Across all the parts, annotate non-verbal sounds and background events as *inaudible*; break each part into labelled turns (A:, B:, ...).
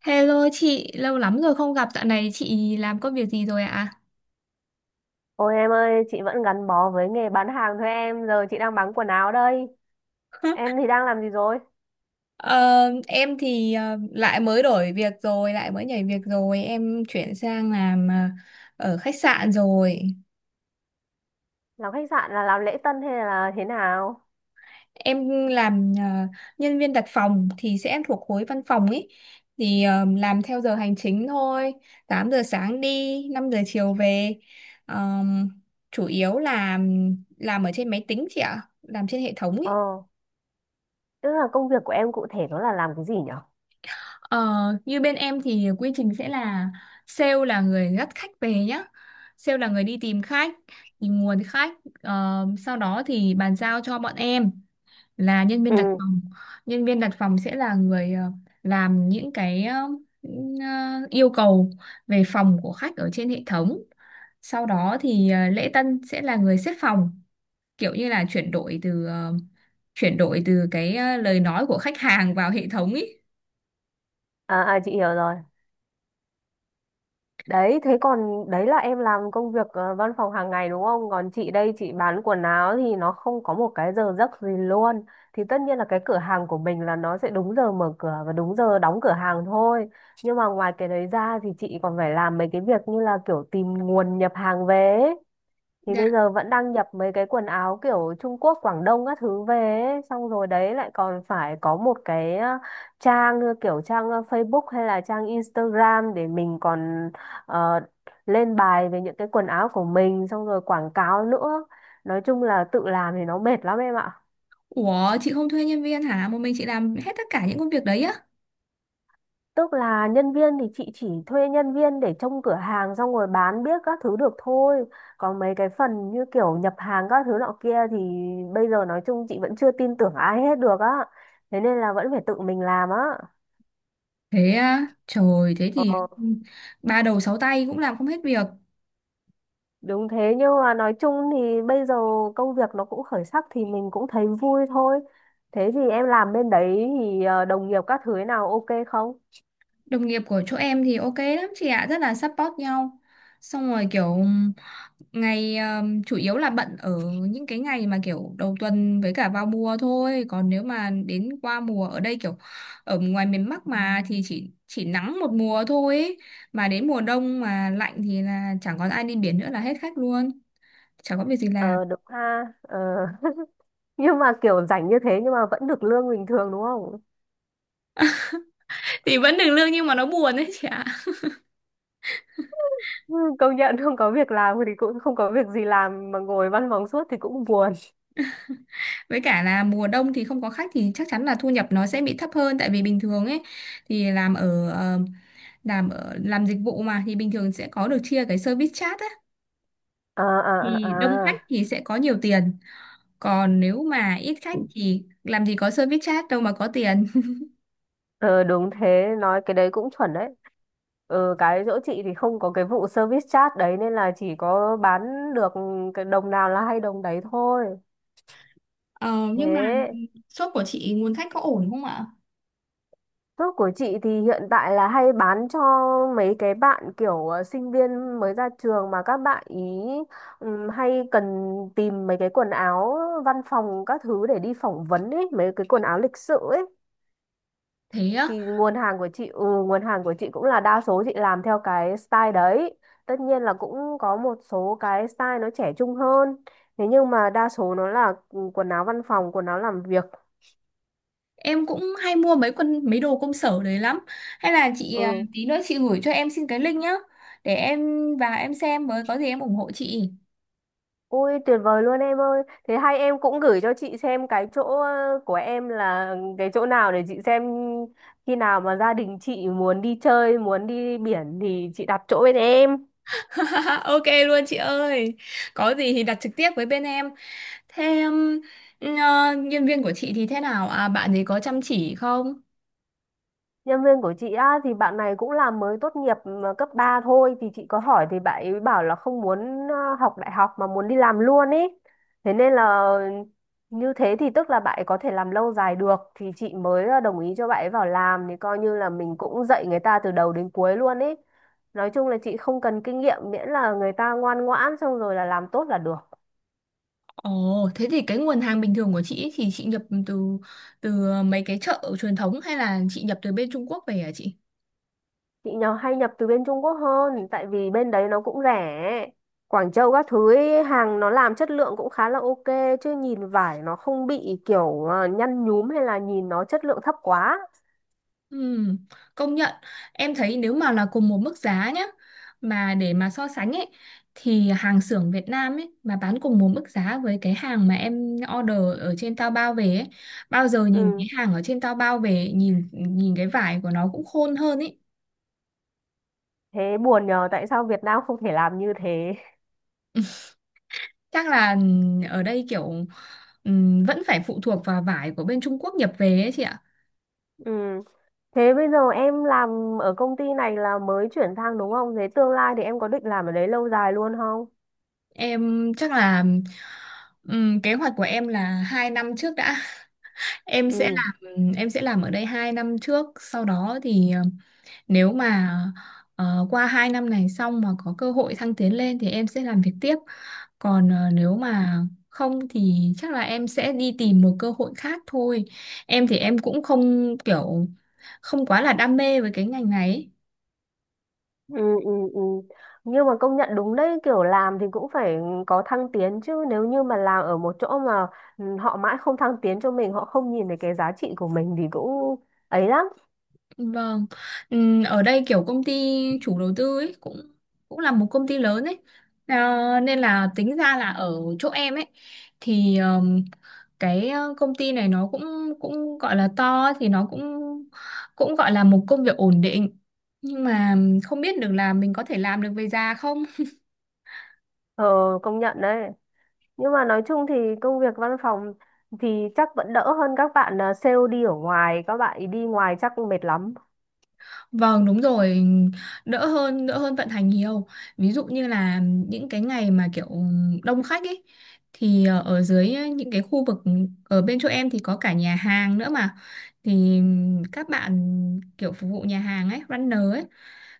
A: Hello chị, lâu lắm rồi không gặp. Dạo này chị làm công việc gì rồi ạ?
B: Ôi em ơi, chị vẫn gắn bó với nghề bán hàng thôi em, giờ chị đang bán quần áo đây. Em
A: *laughs*
B: thì đang làm gì rồi?
A: Ờ, em thì lại mới đổi việc rồi, lại mới nhảy việc rồi. Em chuyển sang làm ở khách sạn rồi.
B: Làm khách sạn là làm lễ tân hay là thế nào?
A: Em làm nhân viên đặt phòng thì sẽ thuộc khối văn phòng ấy. Thì làm theo giờ hành chính thôi. 8 giờ sáng đi, 5 giờ chiều về. Ờm, chủ yếu là làm ở trên máy tính chị ạ, làm trên hệ thống ý.
B: Ờ, tức là công việc của em cụ thể nó là làm cái gì nhở?
A: Ờ, Như bên em thì quy trình sẽ là sale là người dắt khách về nhá. Sale là người đi tìm khách, tìm nguồn khách. Sau đó thì bàn giao cho bọn em là nhân viên đặt
B: Ừ,
A: phòng. Nhân viên đặt phòng sẽ là người làm những yêu cầu về phòng của khách ở trên hệ thống. Sau đó thì lễ tân sẽ là người xếp phòng, kiểu như là chuyển đổi từ cái lời nói của khách hàng vào hệ thống ý.
B: à, à chị hiểu rồi. Đấy, thế còn đấy là em làm công việc văn phòng hàng ngày đúng không? Còn chị đây chị bán quần áo thì nó không có một cái giờ giấc gì luôn. Thì tất nhiên là cái cửa hàng của mình là nó sẽ đúng giờ mở cửa và đúng giờ đóng cửa hàng thôi. Nhưng mà ngoài cái đấy ra thì chị còn phải làm mấy cái việc như là kiểu tìm nguồn nhập hàng về ấy thì bây giờ vẫn đang nhập mấy cái quần áo kiểu Trung Quốc, Quảng Đông các thứ về ấy. Xong rồi đấy lại còn phải có một cái trang như kiểu trang Facebook hay là trang Instagram để mình còn ờ, lên bài về những cái quần áo của mình xong rồi quảng cáo nữa. Nói chung là tự làm thì nó mệt lắm em ạ.
A: Ủa chị không thuê nhân viên hả? Một mình chị làm hết tất cả những công việc đấy á?
B: Tức là nhân viên thì chị chỉ thuê nhân viên để trông cửa hàng xong rồi bán biết các thứ được thôi. Còn mấy cái phần như kiểu nhập hàng các thứ nọ kia thì bây giờ nói chung chị vẫn chưa tin tưởng ai hết được á. Thế nên là vẫn phải tự mình làm á.
A: Thế à? Trời thế
B: Ờ,
A: thì ba đầu sáu tay cũng làm không hết việc.
B: đúng thế nhưng mà nói chung thì bây giờ công việc nó cũng khởi sắc thì mình cũng thấy vui thôi. Thế thì em làm bên đấy thì đồng nghiệp các thứ thế nào ok không?
A: Đồng nghiệp của chỗ em thì ok lắm chị ạ, rất là support nhau. Xong rồi kiểu ngày chủ yếu là bận ở những cái ngày mà kiểu đầu tuần với cả vào mùa thôi. Còn nếu mà đến qua mùa ở đây kiểu ở ngoài miền Bắc mà thì chỉ nắng một mùa thôi ấy. Mà đến mùa đông mà lạnh thì là chẳng còn ai đi biển nữa là hết khách luôn. Chẳng có việc gì làm.
B: Ờ đúng ha. Ờ. *laughs* Nhưng mà kiểu rảnh như thế nhưng mà vẫn được lương bình thường đúng không?
A: Thì vẫn được lương nhưng mà nó buồn đấy chị ạ.
B: Ừ, công nhận không có việc làm thì cũng không có việc gì làm mà ngồi văn phòng suốt thì cũng buồn.
A: Với cả là mùa đông thì không có khách thì chắc chắn là thu nhập nó sẽ bị thấp hơn tại vì bình thường ấy thì làm ở ờ, làm ở làm dịch vụ mà thì bình thường sẽ có được chia cái service charge á.
B: À, à,
A: Thì đông
B: à,
A: khách
B: à,
A: thì sẽ có nhiều tiền, còn nếu mà ít khách thì làm gì có service charge đâu mà có tiền. *laughs*
B: ờ, đúng thế nói cái đấy cũng chuẩn đấy. Cái chỗ chị thì không có cái vụ service charge đấy nên là chỉ có bán được cái đồng nào là hay đồng đấy thôi.
A: Ờ, nhưng mà
B: Thế
A: shop của chị nguồn khách có ổn không ạ?
B: Thuốc của chị thì hiện tại là hay bán cho mấy cái bạn kiểu sinh viên mới ra trường mà các bạn ý hay cần tìm mấy cái quần áo văn phòng các thứ để đi phỏng vấn ấy, mấy cái quần áo lịch sự ấy.
A: Thế á?
B: Thì nguồn hàng của chị, ừ, nguồn hàng của chị cũng là đa số chị làm theo cái style đấy. Tất nhiên là cũng có một số cái style nó trẻ trung hơn. Thế nhưng mà đa số nó là ừ, quần áo văn phòng, quần áo làm việc.
A: Em cũng hay mua mấy đồ công sở đấy lắm. Hay là chị à,
B: Ừ.
A: tí nữa chị gửi cho em xin cái link nhá. Để em vào em xem, với có gì em ủng hộ chị.
B: Ôi tuyệt vời luôn em ơi. Thế hay em cũng gửi cho chị xem cái chỗ của em là cái chỗ nào để chị xem khi nào mà gia đình chị muốn đi chơi, muốn đi biển thì chị đặt chỗ bên em.
A: *laughs* Ok luôn chị ơi. Có gì thì đặt trực tiếp với bên em. Thế nhân viên của chị thì thế nào? À, bạn ấy có chăm chỉ không?
B: Nhân viên của chị á, thì bạn này cũng là mới tốt nghiệp mà cấp 3 thôi thì chị có hỏi thì bạn ấy bảo là không muốn học đại học mà muốn đi làm luôn ý. Thế nên là như thế thì tức là bạn ấy có thể làm lâu dài được thì chị mới đồng ý cho bạn ấy vào làm thì coi như là mình cũng dạy người ta từ đầu đến cuối luôn ý. Nói chung là chị không cần kinh nghiệm miễn là người ta ngoan ngoãn xong rồi là làm tốt là được.
A: Ồ, thế thì cái nguồn hàng bình thường của chị ấy thì chị nhập từ từ mấy cái chợ truyền thống hay là chị nhập từ bên Trung Quốc về hả chị?
B: Chị nhỏ hay nhập từ bên Trung Quốc hơn tại vì bên đấy nó cũng rẻ. Quảng Châu các thứ ấy, hàng nó làm chất lượng cũng khá là ok, chứ nhìn vải nó không bị kiểu nhăn nhúm hay là nhìn nó chất lượng thấp quá.
A: Ừm, Công nhận em thấy nếu mà là cùng một mức giá nhá, mà để mà so sánh ấy, thì hàng xưởng Việt Nam ấy mà bán cùng một mức giá với cái hàng mà em order ở trên Taobao về ấy, bao giờ nhìn
B: Ừ,
A: cái hàng ở trên Taobao về nhìn nhìn cái vải của nó cũng khôn hơn ấy.
B: thế buồn nhờ tại sao Việt Nam không thể làm như thế.
A: *laughs* Chắc là ở đây kiểu vẫn phải phụ thuộc vào vải của bên Trung Quốc nhập về ấy chị ạ.
B: Ừ, thế bây giờ em làm ở công ty này là mới chuyển sang đúng không? Thế tương lai thì em có định làm ở đấy lâu dài luôn không?
A: Em chắc là kế hoạch của em là 2 năm trước đã.
B: Ừ.
A: Em sẽ làm ở đây 2 năm trước, sau đó thì nếu mà qua 2 năm này xong mà có cơ hội thăng tiến lên thì em sẽ làm việc tiếp, còn nếu mà không thì chắc là em sẽ đi tìm một cơ hội khác thôi. Em thì em cũng không kiểu không quá là đam mê với cái ngành này ấy.
B: ừ ừ. Ừ, nhưng mà công nhận đúng đấy kiểu làm thì cũng phải có thăng tiến chứ nếu như mà làm ở một chỗ mà ừ, họ mãi không thăng tiến cho mình họ không nhìn thấy cái giá trị của mình thì cũng ấy lắm.
A: Vâng. Ở đây kiểu công ty chủ đầu tư ấy cũng cũng là một công ty lớn ấy, à, nên là tính ra là ở chỗ em ấy thì cái công ty này nó cũng cũng gọi là to ấy, thì nó cũng cũng gọi là một công việc ổn định, nhưng mà không biết được là mình có thể làm được về già không.
B: Ờ, công nhận đấy. Nhưng mà nói chung thì công việc văn phòng thì chắc vẫn đỡ hơn các bạn à, sale đi ở ngoài các bạn ấy đi ngoài chắc cũng mệt lắm.
A: Vâng đúng rồi, đỡ hơn vận hành nhiều. Ví dụ như là những cái ngày mà kiểu đông khách ấy thì ở dưới những cái khu vực ở bên chỗ em thì có cả nhà hàng nữa mà, thì các bạn kiểu phục vụ nhà hàng ấy, runner ấy,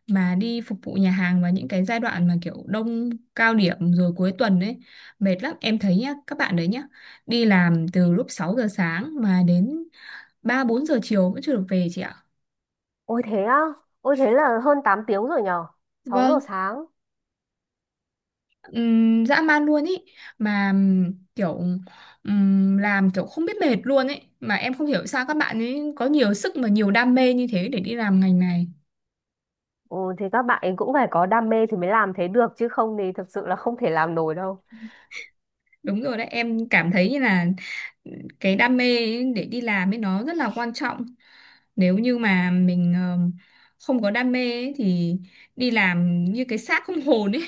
A: mà đi phục vụ nhà hàng vào những cái giai đoạn mà kiểu đông cao điểm rồi cuối tuần ấy mệt lắm em thấy nhá. Các bạn đấy nhá đi làm từ lúc 6 giờ sáng mà đến 3-4 giờ chiều vẫn chưa được về chị ạ.
B: Ôi thế á. Ôi thế là hơn 8 tiếng rồi nhở. Sáu giờ
A: Vâng.
B: sáng.
A: Dã man luôn ý, mà kiểu làm kiểu không biết mệt luôn ấy, mà em không hiểu sao các bạn ấy có nhiều sức mà nhiều đam mê như thế để đi làm ngành này.
B: Ừ, thì các bạn ấy cũng phải có đam mê thì mới làm thế được chứ không thì thật sự là không thể làm nổi đâu.
A: Đúng rồi đấy, em cảm thấy như là cái đam mê ấy để đi làm ấy nó rất là quan trọng. Nếu như mà mình không có đam mê ấy, thì đi làm như cái xác không *laughs* hồn ấy,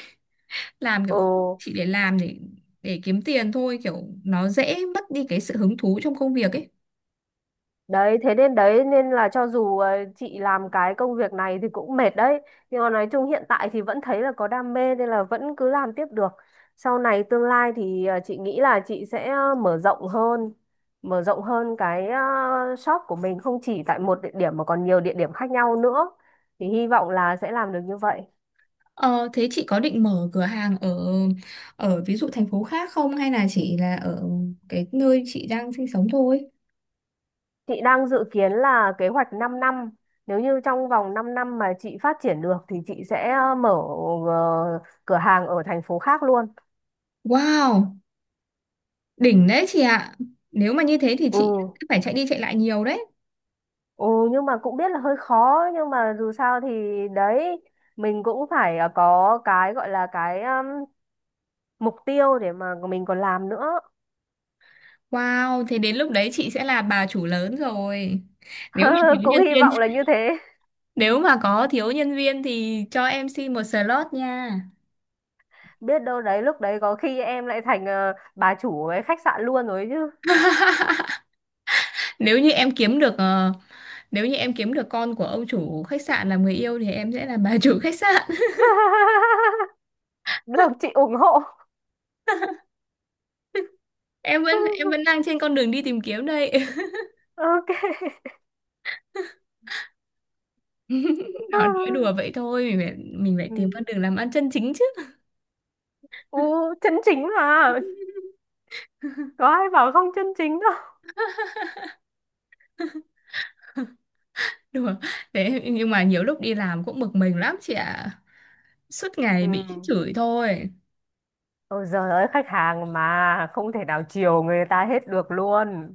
A: làm kiểu
B: Ừ.
A: không- chỉ để làm để kiếm tiền thôi, kiểu nó dễ mất đi cái sự hứng thú trong công việc ấy.
B: Đấy, thế nên đấy nên là cho dù chị làm cái công việc này thì cũng mệt đấy. Nhưng mà nói chung hiện tại thì vẫn thấy là có đam mê nên là vẫn cứ làm tiếp được. Sau này tương lai thì chị nghĩ là chị sẽ mở rộng hơn cái shop của mình không chỉ tại một địa điểm mà còn nhiều địa điểm khác nhau nữa. Thì hy vọng là sẽ làm được như vậy.
A: Ờ, Thế chị có định mở cửa hàng ở ở ví dụ thành phố khác không, hay là chỉ là ở cái nơi chị đang sinh sống thôi?
B: Chị đang dự kiến là kế hoạch 5 năm. Nếu như trong vòng 5 năm mà chị phát triển được thì chị sẽ mở ờ, cửa hàng ở thành phố khác luôn.
A: Wow, đỉnh đấy chị ạ. Nếu mà như thế thì
B: Ừ,
A: chị phải chạy đi chạy lại nhiều đấy.
B: ừ nhưng mà cũng biết là hơi khó nhưng mà dù sao thì đấy mình cũng phải có cái gọi là cái mục tiêu để mà mình còn làm nữa.
A: Wow, thế đến lúc đấy chị sẽ là bà chủ lớn rồi. Nếu mà thiếu
B: *laughs* Cũng
A: nhân
B: hy
A: viên,
B: vọng là như
A: *laughs*
B: thế.
A: nếu mà có thiếu nhân viên thì cho em xin một slot nha.
B: Biết đâu đấy lúc đấy có khi em lại thành bà chủ cái khách sạn luôn rồi chứ.
A: *laughs* Nếu như em kiếm được ờ, Nếu như em kiếm được con của ông chủ khách sạn làm người yêu thì em sẽ là bà chủ khách sạn.
B: *laughs* Được chị ủng hộ.
A: Em vẫn
B: *laughs*
A: đang trên con đường đi tìm kiếm đây.
B: Ok.
A: *laughs* Nó nói đùa
B: *laughs*
A: vậy thôi, mình phải tìm con
B: Ừ.
A: đường làm ăn chân chính chứ.
B: Ừ, chân chính mà, có
A: *laughs*
B: ai bảo không chân chính đâu.
A: Đùa. Thế nhưng mà nhiều lúc đi làm cũng bực mình lắm chị ạ, suốt ngày
B: Ừ.
A: bị chửi thôi.
B: Ôi giời ơi khách hàng mà không thể nào chiều người ta hết được luôn.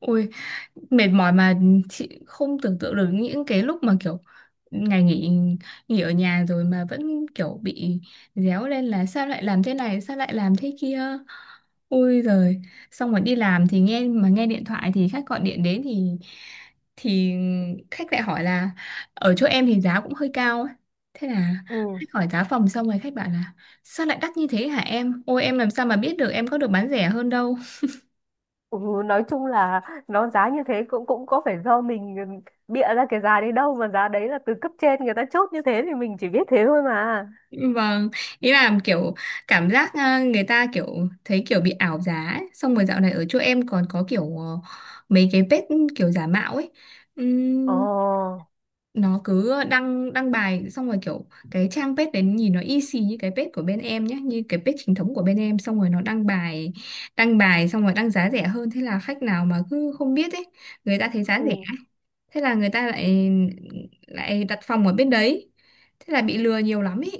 A: Ui, mệt mỏi mà. Chị không tưởng tượng được những cái lúc mà kiểu ngày nghỉ, nghỉ ở nhà rồi mà vẫn kiểu bị réo lên là sao lại làm thế này, sao lại làm thế kia. Ôi giời, xong rồi đi làm thì nghe mà nghe điện thoại thì khách gọi điện đến thì thì khách lại hỏi là ở chỗ em thì giá cũng hơi cao ấy. Thế là
B: Ừ.
A: khách hỏi giá phòng xong rồi khách bảo là sao lại đắt như thế hả em? Ôi em làm sao mà biết được, em có được bán rẻ hơn đâu.
B: Ừ, nói chung là nó giá như thế cũng cũng có phải do mình bịa ra cái giá đấy đâu mà giá đấy là từ cấp trên người ta chốt như thế thì mình chỉ biết thế thôi mà.
A: *laughs* Vâng, ý là kiểu cảm giác à, người ta kiểu thấy kiểu bị ảo giá ấy. Xong rồi dạo này ở chỗ em còn có kiểu mấy cái page kiểu giả mạo ấy.
B: Ồ,
A: Nó cứ đăng đăng bài xong rồi kiểu cái trang page đấy nhìn nó y xì như cái page của bên em nhé, như cái page chính thống của bên em, xong rồi nó đăng bài, đăng bài xong rồi đăng giá rẻ hơn, thế là khách nào mà cứ không biết ấy, người ta thấy giá rẻ,
B: ừ.
A: thế là người ta lại lại đặt phòng ở bên đấy, thế là bị lừa nhiều lắm ý.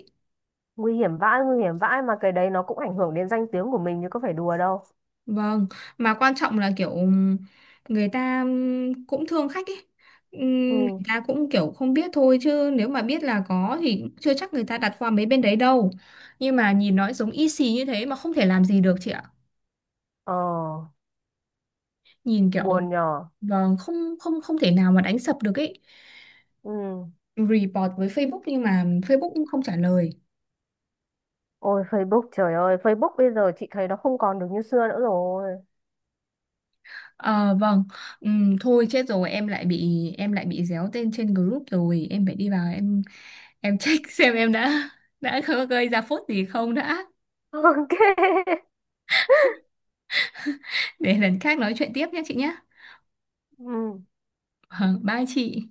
B: Nguy hiểm vãi mà cái đấy nó cũng ảnh hưởng đến danh tiếng của mình chứ có phải đùa đâu.
A: Vâng, mà quan trọng là kiểu người ta cũng thương khách ấy. Ừm. Người
B: Ừ.
A: ta cũng kiểu không biết thôi chứ nếu mà biết là có thì cũng chưa chắc người ta đặt qua mấy bên đấy đâu. Nhưng mà nhìn nó giống y xì như thế mà không thể làm gì được chị ạ.
B: Ờ,
A: Nhìn kiểu
B: buồn nhờ.
A: vâng, không không không thể nào mà đánh sập được ấy.
B: Ừ.
A: Report với Facebook nhưng mà Facebook cũng không trả lời.
B: Ôi Facebook trời ơi, Facebook bây giờ chị thấy nó không còn được như xưa nữa rồi.
A: Ờ vâng. Thôi chết rồi, em lại bị réo tên trên group rồi, em phải đi vào em check *laughs* xem em đã có gây ra phốt gì không đã,
B: *laughs* Ok.
A: để lần khác nói chuyện tiếp nhé chị nhé.
B: Ừ.
A: Vâng, bye chị.